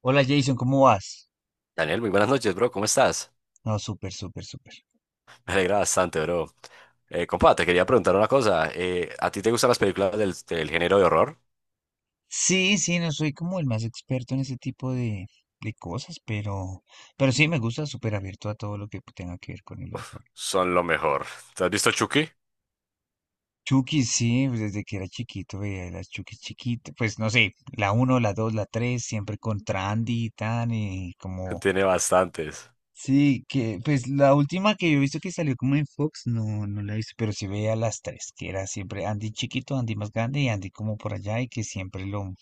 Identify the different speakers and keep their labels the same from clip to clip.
Speaker 1: Hola Jason, ¿cómo vas?
Speaker 2: Daniel, muy buenas noches, bro. ¿Cómo estás?
Speaker 1: No, súper, súper, súper.
Speaker 2: Me alegra bastante, bro. Compa, te quería preguntar una cosa. ¿A ti te gustan las películas del género de horror?
Speaker 1: Sí, sí, no soy como el más experto en ese tipo de cosas, pero sí me gusta súper abierto a todo lo que tenga que ver con el horror.
Speaker 2: Son lo mejor. ¿Te has visto Chucky?
Speaker 1: Chucky, sí, pues, desde que era chiquito veía las Chucky chiquitas, pues no sé, la uno, la 2, la 3, siempre contra Andy y tan, y como,
Speaker 2: Tiene bastantes.
Speaker 1: sí, que, pues la última que yo he visto que salió como en Fox, no, no la he visto, pero sí veía las tres, que era siempre Andy chiquito, Andy más grande y Andy como por allá, y que siempre lo,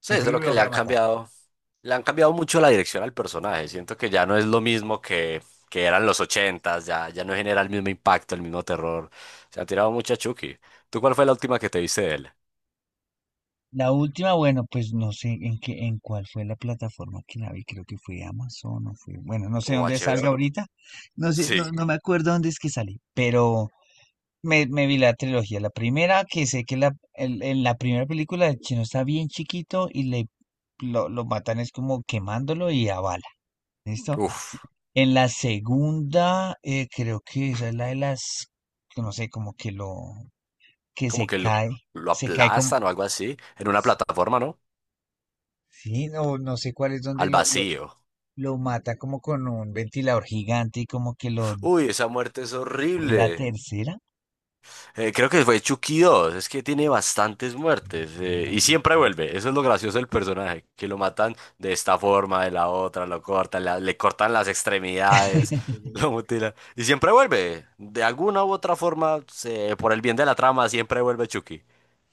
Speaker 2: Sí, eso
Speaker 1: siempre
Speaker 2: es
Speaker 1: lo
Speaker 2: lo que le han
Speaker 1: logra matar.
Speaker 2: cambiado. Le han cambiado mucho la dirección al personaje. Siento que ya no es lo mismo que eran los ochentas. Ya no genera el mismo impacto, el mismo terror. Se han tirado mucho a Chucky. ¿Tú cuál fue la última que te viste de él?
Speaker 1: La última, bueno, pues no sé en qué, en cuál fue la plataforma que la vi, creo que fue Amazon o fue, bueno, no sé
Speaker 2: O
Speaker 1: dónde
Speaker 2: HBO,
Speaker 1: salga
Speaker 2: ¿no?
Speaker 1: ahorita, no sé, no,
Speaker 2: Sí.
Speaker 1: no me acuerdo dónde es que salí, pero me vi la trilogía, la primera, que sé que en la primera película el chino está bien chiquito y le lo matan es como quemándolo y a bala, ¿listo?
Speaker 2: Uf.
Speaker 1: En la segunda, creo que esa es la de las, que no sé, como que lo, que
Speaker 2: Como
Speaker 1: se
Speaker 2: que lo,
Speaker 1: cae,
Speaker 2: lo
Speaker 1: se cae como,
Speaker 2: aplastan o algo así, en una plataforma, ¿no?
Speaker 1: sí, no, no sé cuál es donde
Speaker 2: Al
Speaker 1: lo, lo,
Speaker 2: vacío.
Speaker 1: lo mata como con un ventilador gigante y como que lo...
Speaker 2: Uy, esa muerte es
Speaker 1: ¿o es la
Speaker 2: horrible.
Speaker 1: tercera?
Speaker 2: Creo que fue Chucky 2, es que tiene bastantes muertes y siempre vuelve. Eso es lo gracioso del personaje, que lo matan de esta forma, de la otra, lo cortan, le cortan las extremidades, lo mutilan y siempre vuelve, de alguna u otra forma, por el bien de la trama, siempre vuelve Chucky.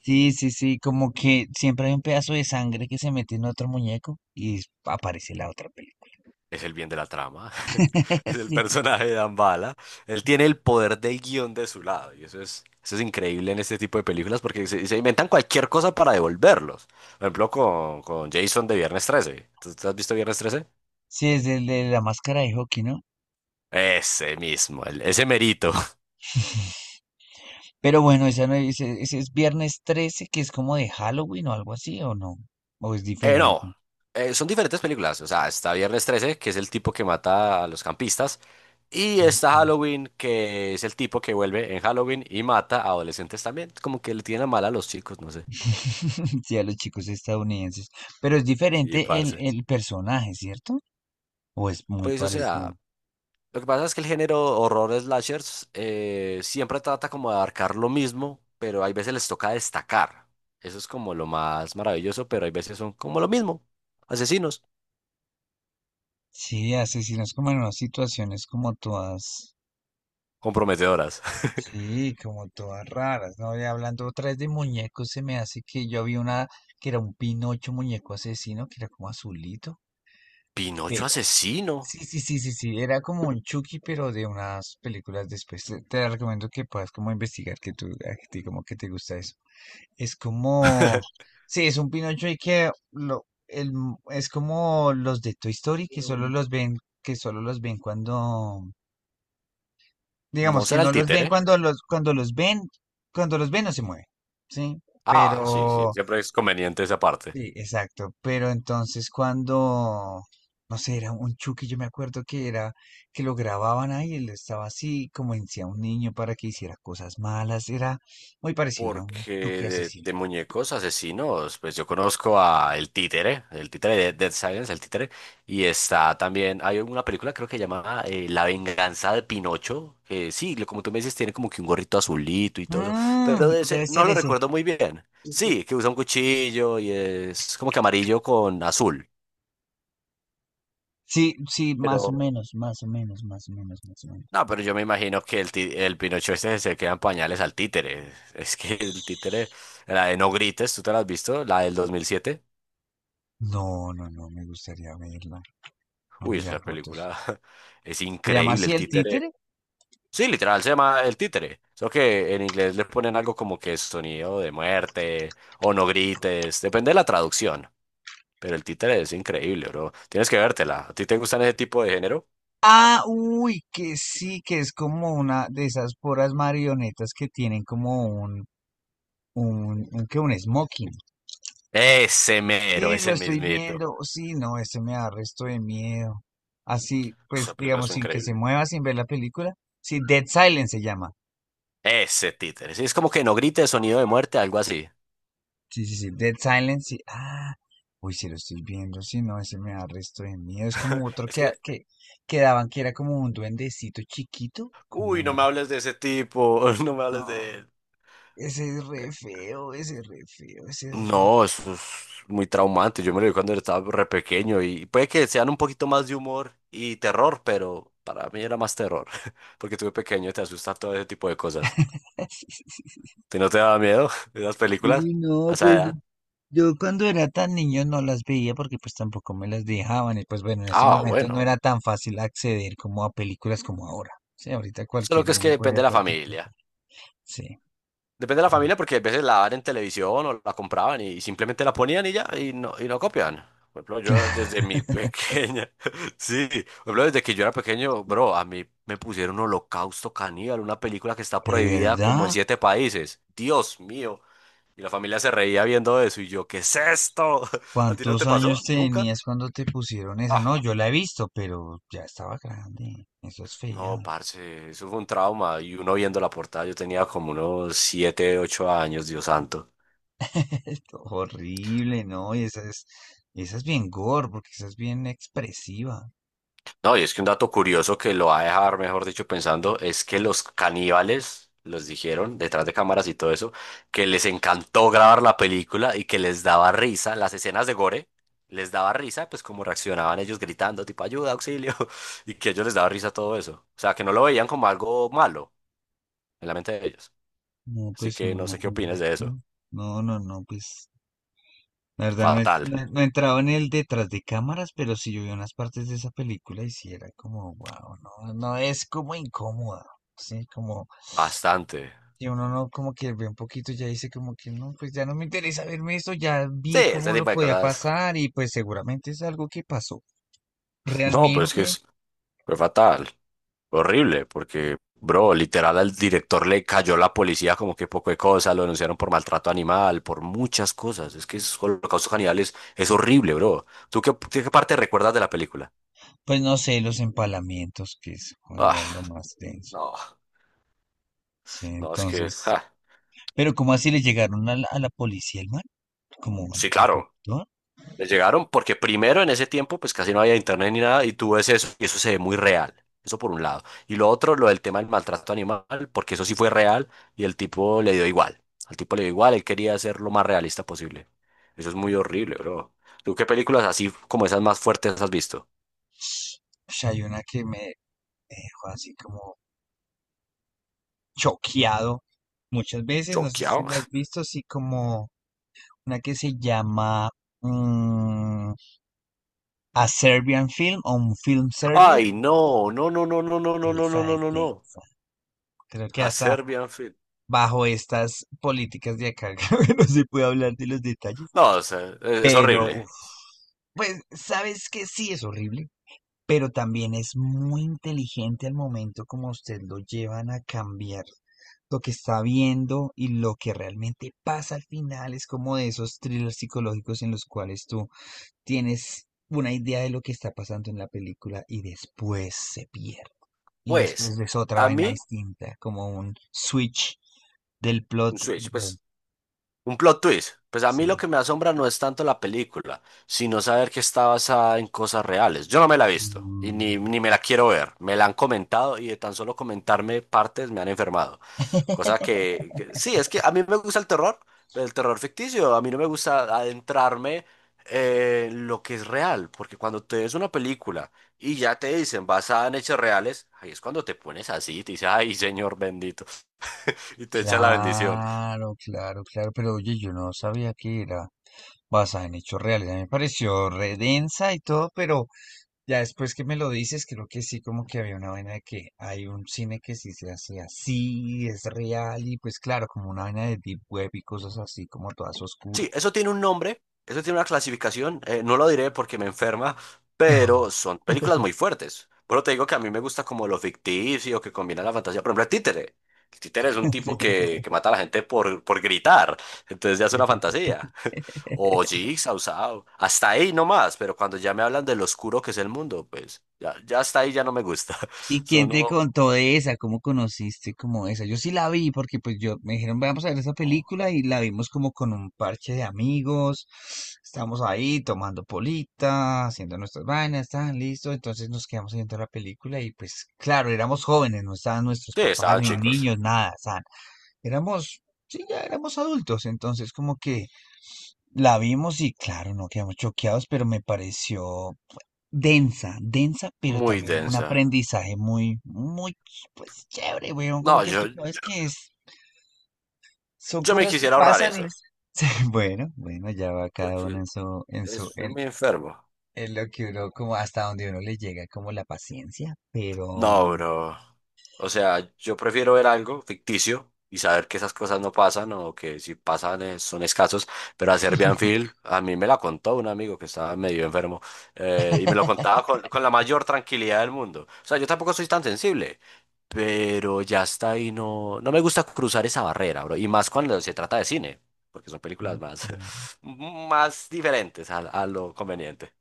Speaker 1: Sí, sí, sí, como que siempre hay un pedazo de sangre que se mete en otro muñeco y aparece la otra película.
Speaker 2: Es el bien de la trama, es el
Speaker 1: Sí,
Speaker 2: personaje de Dambala. Él tiene el poder del guión de su lado y eso es increíble en este tipo de películas porque se inventan cualquier cosa para devolverlos. Por ejemplo, con Jason de Viernes 13. ¿Tú has visto Viernes 13?
Speaker 1: sí, es el de la máscara de hockey, ¿no?
Speaker 2: Ese mismo, ese merito.
Speaker 1: Pero bueno, esa no, ese es Viernes 13, que es como de Halloween o algo así, ¿o no? ¿O es
Speaker 2: No,
Speaker 1: diferente?
Speaker 2: son diferentes películas. O sea, está Viernes 13, que es el tipo que mata a los campistas, y está Halloween, que es el tipo que vuelve en Halloween y mata a adolescentes también. Como que le tiene a mal a los chicos, no sé.
Speaker 1: Sí, a los chicos estadounidenses. Pero es
Speaker 2: Sí,
Speaker 1: diferente el,
Speaker 2: parce.
Speaker 1: el personaje, ¿cierto? O es muy
Speaker 2: Pues, o
Speaker 1: parecido.
Speaker 2: sea, lo que pasa es que el género horror slashers siempre trata como de abarcar lo mismo, pero hay veces les toca destacar. Eso es como lo más maravilloso, pero hay veces son como lo mismo. Asesinos.
Speaker 1: Sí, asesinos como en unas situaciones como todas,
Speaker 2: Comprometedoras.
Speaker 1: sí, como todas raras, ¿no? Y hablando otra vez de muñecos, se me hace que yo vi una que era un Pinocho muñeco asesino, que era como azulito.
Speaker 2: Pinocho
Speaker 1: Pero,
Speaker 2: asesino.
Speaker 1: sí, sí, sí, sí, sí, era como un Chucky, pero de unas películas después. Te recomiendo que puedas como investigar, que tú, a ti como que te gusta eso. Es como, sí, es un Pinocho que lo, el, es como los de Toy Story que solo los ven, que solo los ven cuando,
Speaker 2: ¿No
Speaker 1: digamos que
Speaker 2: será el
Speaker 1: no los ven
Speaker 2: títere?
Speaker 1: cuando los ven no se mueve, sí,
Speaker 2: Ah, sí, sí,
Speaker 1: pero,
Speaker 2: siempre es conveniente esa parte.
Speaker 1: sí, exacto, pero entonces cuando, no sé, era un Chucky, yo me acuerdo que era, que lo grababan ahí, él estaba así, como decía un niño para que hiciera cosas malas, era muy parecido, era un Chucky
Speaker 2: Porque de,
Speaker 1: asesino.
Speaker 2: de muñecos asesinos, pues yo conozco a el Títere de Dead Silence, el Títere, y está también, hay una película creo que se llama La Venganza de Pinocho, que sí, como tú me dices, tiene como que un gorrito azulito y todo eso, pero
Speaker 1: Mm,
Speaker 2: de ese
Speaker 1: debe
Speaker 2: no
Speaker 1: ser
Speaker 2: lo
Speaker 1: ese.
Speaker 2: recuerdo muy bien. Sí, que usa un cuchillo y es como que amarillo con azul.
Speaker 1: Sí, sí, más o
Speaker 2: Pero,
Speaker 1: menos, más o menos, más o menos, más o menos.
Speaker 2: no, pero yo me imagino que el Pinocho este se queda en pañales al títere. Es que el títere, la de No Grites, ¿tú te la has visto? La del 2007.
Speaker 1: No, no, no, me gustaría verla, no
Speaker 2: Uy,
Speaker 1: mirar
Speaker 2: esa
Speaker 1: fotos.
Speaker 2: película es
Speaker 1: ¿Se llama
Speaker 2: increíble,
Speaker 1: así
Speaker 2: el
Speaker 1: el
Speaker 2: títere.
Speaker 1: títere?
Speaker 2: Sí, literal, se llama El Títere. Solo que en inglés le ponen algo como que sonido de muerte o no grites, depende de la traducción. Pero El Títere es increíble, bro. Tienes que vértela. ¿A ti te gustan ese tipo de género?
Speaker 1: Ah, uy, que sí, que es como una de esas puras marionetas que tienen como un, que un smoking.
Speaker 2: Ese mero,
Speaker 1: Sí, lo
Speaker 2: ese
Speaker 1: estoy
Speaker 2: mismito.
Speaker 1: viendo, sí, no, este me da resto de miedo. Así, pues,
Speaker 2: Esa película
Speaker 1: digamos,
Speaker 2: es
Speaker 1: sin que se
Speaker 2: increíble.
Speaker 1: mueva, sin ver la película. Sí, Dead Silence se llama.
Speaker 2: Ese títere. Sí, es como que no grites sonido de muerte, algo así.
Speaker 1: Sí, sí, sí. Dead Silence, sí. Ah, uy, si lo estoy viendo, si no, ese me da resto de miedo. Es como otro
Speaker 2: Es
Speaker 1: que, ah,
Speaker 2: que,
Speaker 1: que daban que era como un duendecito chiquito. Como,
Speaker 2: uy, no
Speaker 1: un-
Speaker 2: me hables de ese tipo, no me
Speaker 1: no,
Speaker 2: hables de.
Speaker 1: ese es re feo, ese es re feo, ese es re
Speaker 2: No, eso es muy traumante. Yo me lo vi cuando estaba re pequeño y puede que sean un poquito más de humor y terror, pero para mí era más terror, porque tuve de pequeño, te asusta todo ese tipo de cosas. ¿Te no te daba miedo esas películas
Speaker 1: y no,
Speaker 2: a esa
Speaker 1: pues
Speaker 2: edad?
Speaker 1: yo cuando era tan niño no las veía porque pues tampoco me las dejaban y pues bueno, en ese
Speaker 2: Ah,
Speaker 1: momento no
Speaker 2: bueno.
Speaker 1: era tan fácil acceder como a películas como ahora. Sí, ahorita
Speaker 2: Solo
Speaker 1: cualquier
Speaker 2: que es que
Speaker 1: niño puede
Speaker 2: depende
Speaker 1: ver
Speaker 2: de la
Speaker 1: cualquier
Speaker 2: familia.
Speaker 1: cosa. Sí.
Speaker 2: Depende de la familia porque a veces la dan en televisión o la compraban y simplemente la ponían y ya y no copian. Por ejemplo, yo desde mi pequeña, sí, por ejemplo, desde que yo era pequeño, bro, a mí me pusieron Holocausto Caníbal, una película que está
Speaker 1: ¿De
Speaker 2: prohibida como en
Speaker 1: verdad?
Speaker 2: siete países. Dios mío. Y la familia se reía viendo eso y yo, ¿qué es esto? ¿A ti no te
Speaker 1: ¿Cuántos
Speaker 2: pasó?
Speaker 1: años
Speaker 2: ¿Nunca?
Speaker 1: tenías cuando te pusieron esa? No,
Speaker 2: Ah,
Speaker 1: yo la he visto, pero ya estaba grande. Eso es fea.
Speaker 2: no, parce, eso fue un trauma. Y uno viendo la portada, yo tenía como unos 7, 8 años. Dios santo.
Speaker 1: Horrible, ¿no? Y esa es bien gore, porque esa es bien expresiva.
Speaker 2: No, y es que un dato curioso que lo va a dejar, mejor dicho, pensando, es que los caníbales los dijeron detrás de cámaras y todo eso, que les encantó grabar la película y que les daba risa las escenas de gore, les daba risa, pues como reaccionaban ellos gritando, tipo ayuda, auxilio, y que ellos les daba risa todo eso. O sea, que no lo veían como algo malo en la mente de ellos.
Speaker 1: No,
Speaker 2: Así
Speaker 1: pues
Speaker 2: que no sé qué opinas
Speaker 1: imagínate.
Speaker 2: de eso.
Speaker 1: No, no, no, pues. La verdad, no, he,
Speaker 2: Fatal.
Speaker 1: no, no he entrado en el detrás de cámaras, pero sí yo vi unas partes de esa película y sí era como, wow, no, no es como incómoda. Sí, como.
Speaker 2: Bastante.
Speaker 1: Y uno no como que ve un poquito y ya dice como que no, pues ya no me interesa verme esto, ya
Speaker 2: Sí,
Speaker 1: vi
Speaker 2: ese
Speaker 1: cómo lo
Speaker 2: tipo de
Speaker 1: podía
Speaker 2: cosas.
Speaker 1: pasar y pues seguramente es algo que pasó.
Speaker 2: No, pues es que
Speaker 1: Realmente,
Speaker 2: es fue fatal. Horrible, porque, bro, literal al director le cayó la policía como que poco de cosa, lo denunciaron por maltrato animal, por muchas cosas. Es que es Holocausto Caníbal es horrible, bro. ¿Tú qué parte recuerdas de la película?
Speaker 1: pues no sé, los empalamientos, que es joder,
Speaker 2: Ah,
Speaker 1: lo más denso.
Speaker 2: no,
Speaker 1: Sí,
Speaker 2: no, es que,
Speaker 1: entonces,
Speaker 2: ja.
Speaker 1: pero ¿cómo así le llegaron a la policía el man? Como al
Speaker 2: Sí,
Speaker 1: al
Speaker 2: claro.
Speaker 1: conductor.
Speaker 2: Les llegaron porque primero en ese tiempo pues casi no había internet ni nada y tú ves eso y eso se ve muy real. Eso por un lado. Y lo otro, lo del tema del maltrato animal, porque eso sí fue real y el tipo le dio igual. Al tipo le dio igual, él quería ser lo más realista posible. Eso es muy horrible, bro. ¿Tú qué películas así como esas más fuertes has visto?
Speaker 1: Pues hay una que me dejó así como choqueado muchas veces, no sé si
Speaker 2: Choqueado.
Speaker 1: la has visto, así como una que se llama... mm, A Serbian Film o un film serbio,
Speaker 2: Ay, no, no, no, no, no, no, no, no, no,
Speaker 1: esa
Speaker 2: no,
Speaker 1: es
Speaker 2: no, no.
Speaker 1: densa. Creo que
Speaker 2: A
Speaker 1: hasta
Speaker 2: Serbian Film.
Speaker 1: bajo estas políticas de acá, creo que no se puede hablar de los detalles,
Speaker 2: No, o sea, es
Speaker 1: pero uf,
Speaker 2: horrible.
Speaker 1: pues sabes que sí es horrible, pero también es muy inteligente al momento como usted lo llevan a cambiar lo que está viendo y lo que realmente pasa al final es como de esos thrillers psicológicos en los cuales tú tienes una idea de lo que está pasando en la película y después se pierde, y después
Speaker 2: Pues,
Speaker 1: ves otra
Speaker 2: a
Speaker 1: vaina
Speaker 2: mí,
Speaker 1: distinta, como un switch del
Speaker 2: un
Speaker 1: plot.
Speaker 2: switch,
Speaker 1: Bueno,
Speaker 2: pues un plot twist. Pues a mí lo
Speaker 1: sí.
Speaker 2: que me asombra no es tanto la película, sino saber que está basada en cosas reales. Yo no me la he visto y ni,
Speaker 1: Mm.
Speaker 2: ni me la quiero ver. Me la han comentado y de tan solo comentarme partes me han enfermado. Cosa que, sí, es que a mí me gusta el terror ficticio. A mí no me gusta adentrarme en lo que es real, porque cuando te ves una película y ya te dicen basada en hechos reales, ahí es cuando te pones así y te dices, ay, señor bendito, y te echa la bendición.
Speaker 1: Claro, claro, claro, pero oye, yo no sabía que era basada en hechos reales. A mí me pareció re densa y todo, pero ya después que me lo dices, creo que sí, como que había una vaina de que hay un cine que sí se hace así, es real, y pues claro, como una vaina de deep web y cosas así, como todas
Speaker 2: Sí,
Speaker 1: oscuras.
Speaker 2: eso tiene un nombre, eso tiene una clasificación, no lo diré porque me enferma, pero son películas muy fuertes. Pero te digo que a mí me gusta como lo ficticio que combina la fantasía. Por ejemplo, el títere. El títere es un
Speaker 1: Sí,
Speaker 2: tipo que mata a la gente por gritar, entonces ya es una
Speaker 1: sí, sí.
Speaker 2: fantasía. O Jigsaw, Saw, hasta ahí nomás, pero cuando ya me hablan de lo oscuro que es el mundo, pues ya hasta ahí ya no me gusta.
Speaker 1: ¿Y quién
Speaker 2: Son,
Speaker 1: te
Speaker 2: oh,
Speaker 1: contó de esa? ¿Cómo conociste como esa? Yo sí la vi porque pues yo me dijeron, vamos a ver esa
Speaker 2: no.
Speaker 1: película y la vimos como con un parche de amigos. Estábamos ahí tomando polita, haciendo nuestras vainas, estaban listos. Entonces nos quedamos viendo la película y pues claro, éramos jóvenes, no estaban nuestros
Speaker 2: Sí,
Speaker 1: papás
Speaker 2: estaban
Speaker 1: ni
Speaker 2: chicos,
Speaker 1: niños, nada, éramos, sí, ya éramos adultos. Entonces como que la vimos y claro, no quedamos choqueados, pero me pareció densa, densa, pero
Speaker 2: muy
Speaker 1: también un
Speaker 2: densa.
Speaker 1: aprendizaje muy, muy, pues chévere, weón, como
Speaker 2: No,
Speaker 1: que
Speaker 2: yo,
Speaker 1: tú sabes que es, son
Speaker 2: yo me
Speaker 1: cosas que
Speaker 2: quisiera ahorrar
Speaker 1: pasan y
Speaker 2: eso.
Speaker 1: bueno, bueno, ya va cada
Speaker 2: Porque.
Speaker 1: uno en su, en su,
Speaker 2: Es
Speaker 1: en,
Speaker 2: muy enfermo.
Speaker 1: en lo que uno, como hasta donde uno le llega, como la paciencia, pero...
Speaker 2: No, bro. O sea, yo prefiero ver algo ficticio y saber que esas cosas no pasan o que si pasan son escasos. Pero a Serbian Film, a mí me la contó un amigo que estaba medio enfermo y me lo contaba con la mayor tranquilidad del mundo. O sea, yo tampoco soy tan sensible, pero ya está ahí. No, no me gusta cruzar esa barrera, bro. Y más cuando se trata de cine, porque son películas
Speaker 1: Ok,
Speaker 2: más, más diferentes a lo conveniente.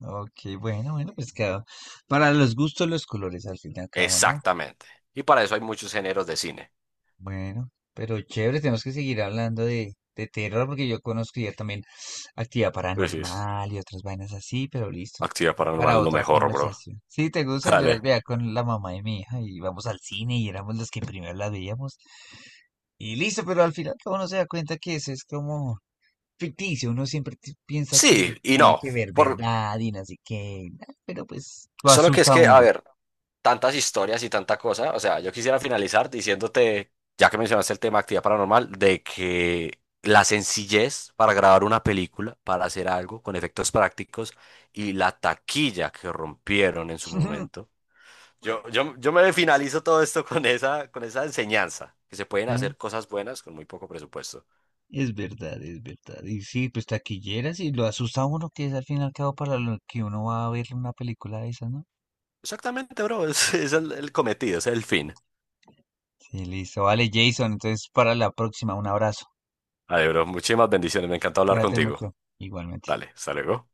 Speaker 1: ok, bueno, bueno, pues cada, para los gustos los colores al fin y al cabo, ¿no?
Speaker 2: Exactamente. Y para eso hay muchos géneros de cine.
Speaker 1: Bueno, pero chévere, tenemos que seguir hablando de terror porque yo conozco ya también actividad
Speaker 2: Uy, sí,
Speaker 1: paranormal y otras vainas así, pero listo,
Speaker 2: actividad
Speaker 1: ya
Speaker 2: paranormal
Speaker 1: para
Speaker 2: es lo
Speaker 1: otra
Speaker 2: mejor, bro.
Speaker 1: conversación. Si te gustan, yo las
Speaker 2: Dale.
Speaker 1: veía con la mamá de mi hija y vamos al cine y éramos los que primero las veíamos. Y listo, pero al final todo uno se da cuenta que eso es como ficticio, uno siempre piensa que
Speaker 2: Sí, y
Speaker 1: tiene
Speaker 2: no.
Speaker 1: que ver
Speaker 2: Por.
Speaker 1: verdad y no sé qué, pero pues lo
Speaker 2: Solo que es
Speaker 1: asusta a
Speaker 2: que, a
Speaker 1: uno.
Speaker 2: ver, tantas historias y tanta cosa. O sea, yo quisiera finalizar diciéndote, ya que mencionaste el tema actividad paranormal, de que la sencillez para grabar una película, para hacer algo con efectos prácticos y la taquilla que rompieron en su momento. Yo me finalizo todo esto con esa enseñanza, que se pueden hacer cosas buenas con muy poco presupuesto.
Speaker 1: Es verdad, es verdad. Y sí, pues taquilleras y lo asusta a uno que es al fin y al cabo para lo que uno va a ver una película de esas, ¿no?
Speaker 2: Exactamente, bro, es el cometido, es el fin.
Speaker 1: Sí, listo. Vale, Jason, entonces para la próxima, un abrazo.
Speaker 2: Vale, bro, muchísimas bendiciones, me encanta hablar
Speaker 1: Cuídate
Speaker 2: contigo.
Speaker 1: mucho. Igualmente.
Speaker 2: Dale, hasta luego.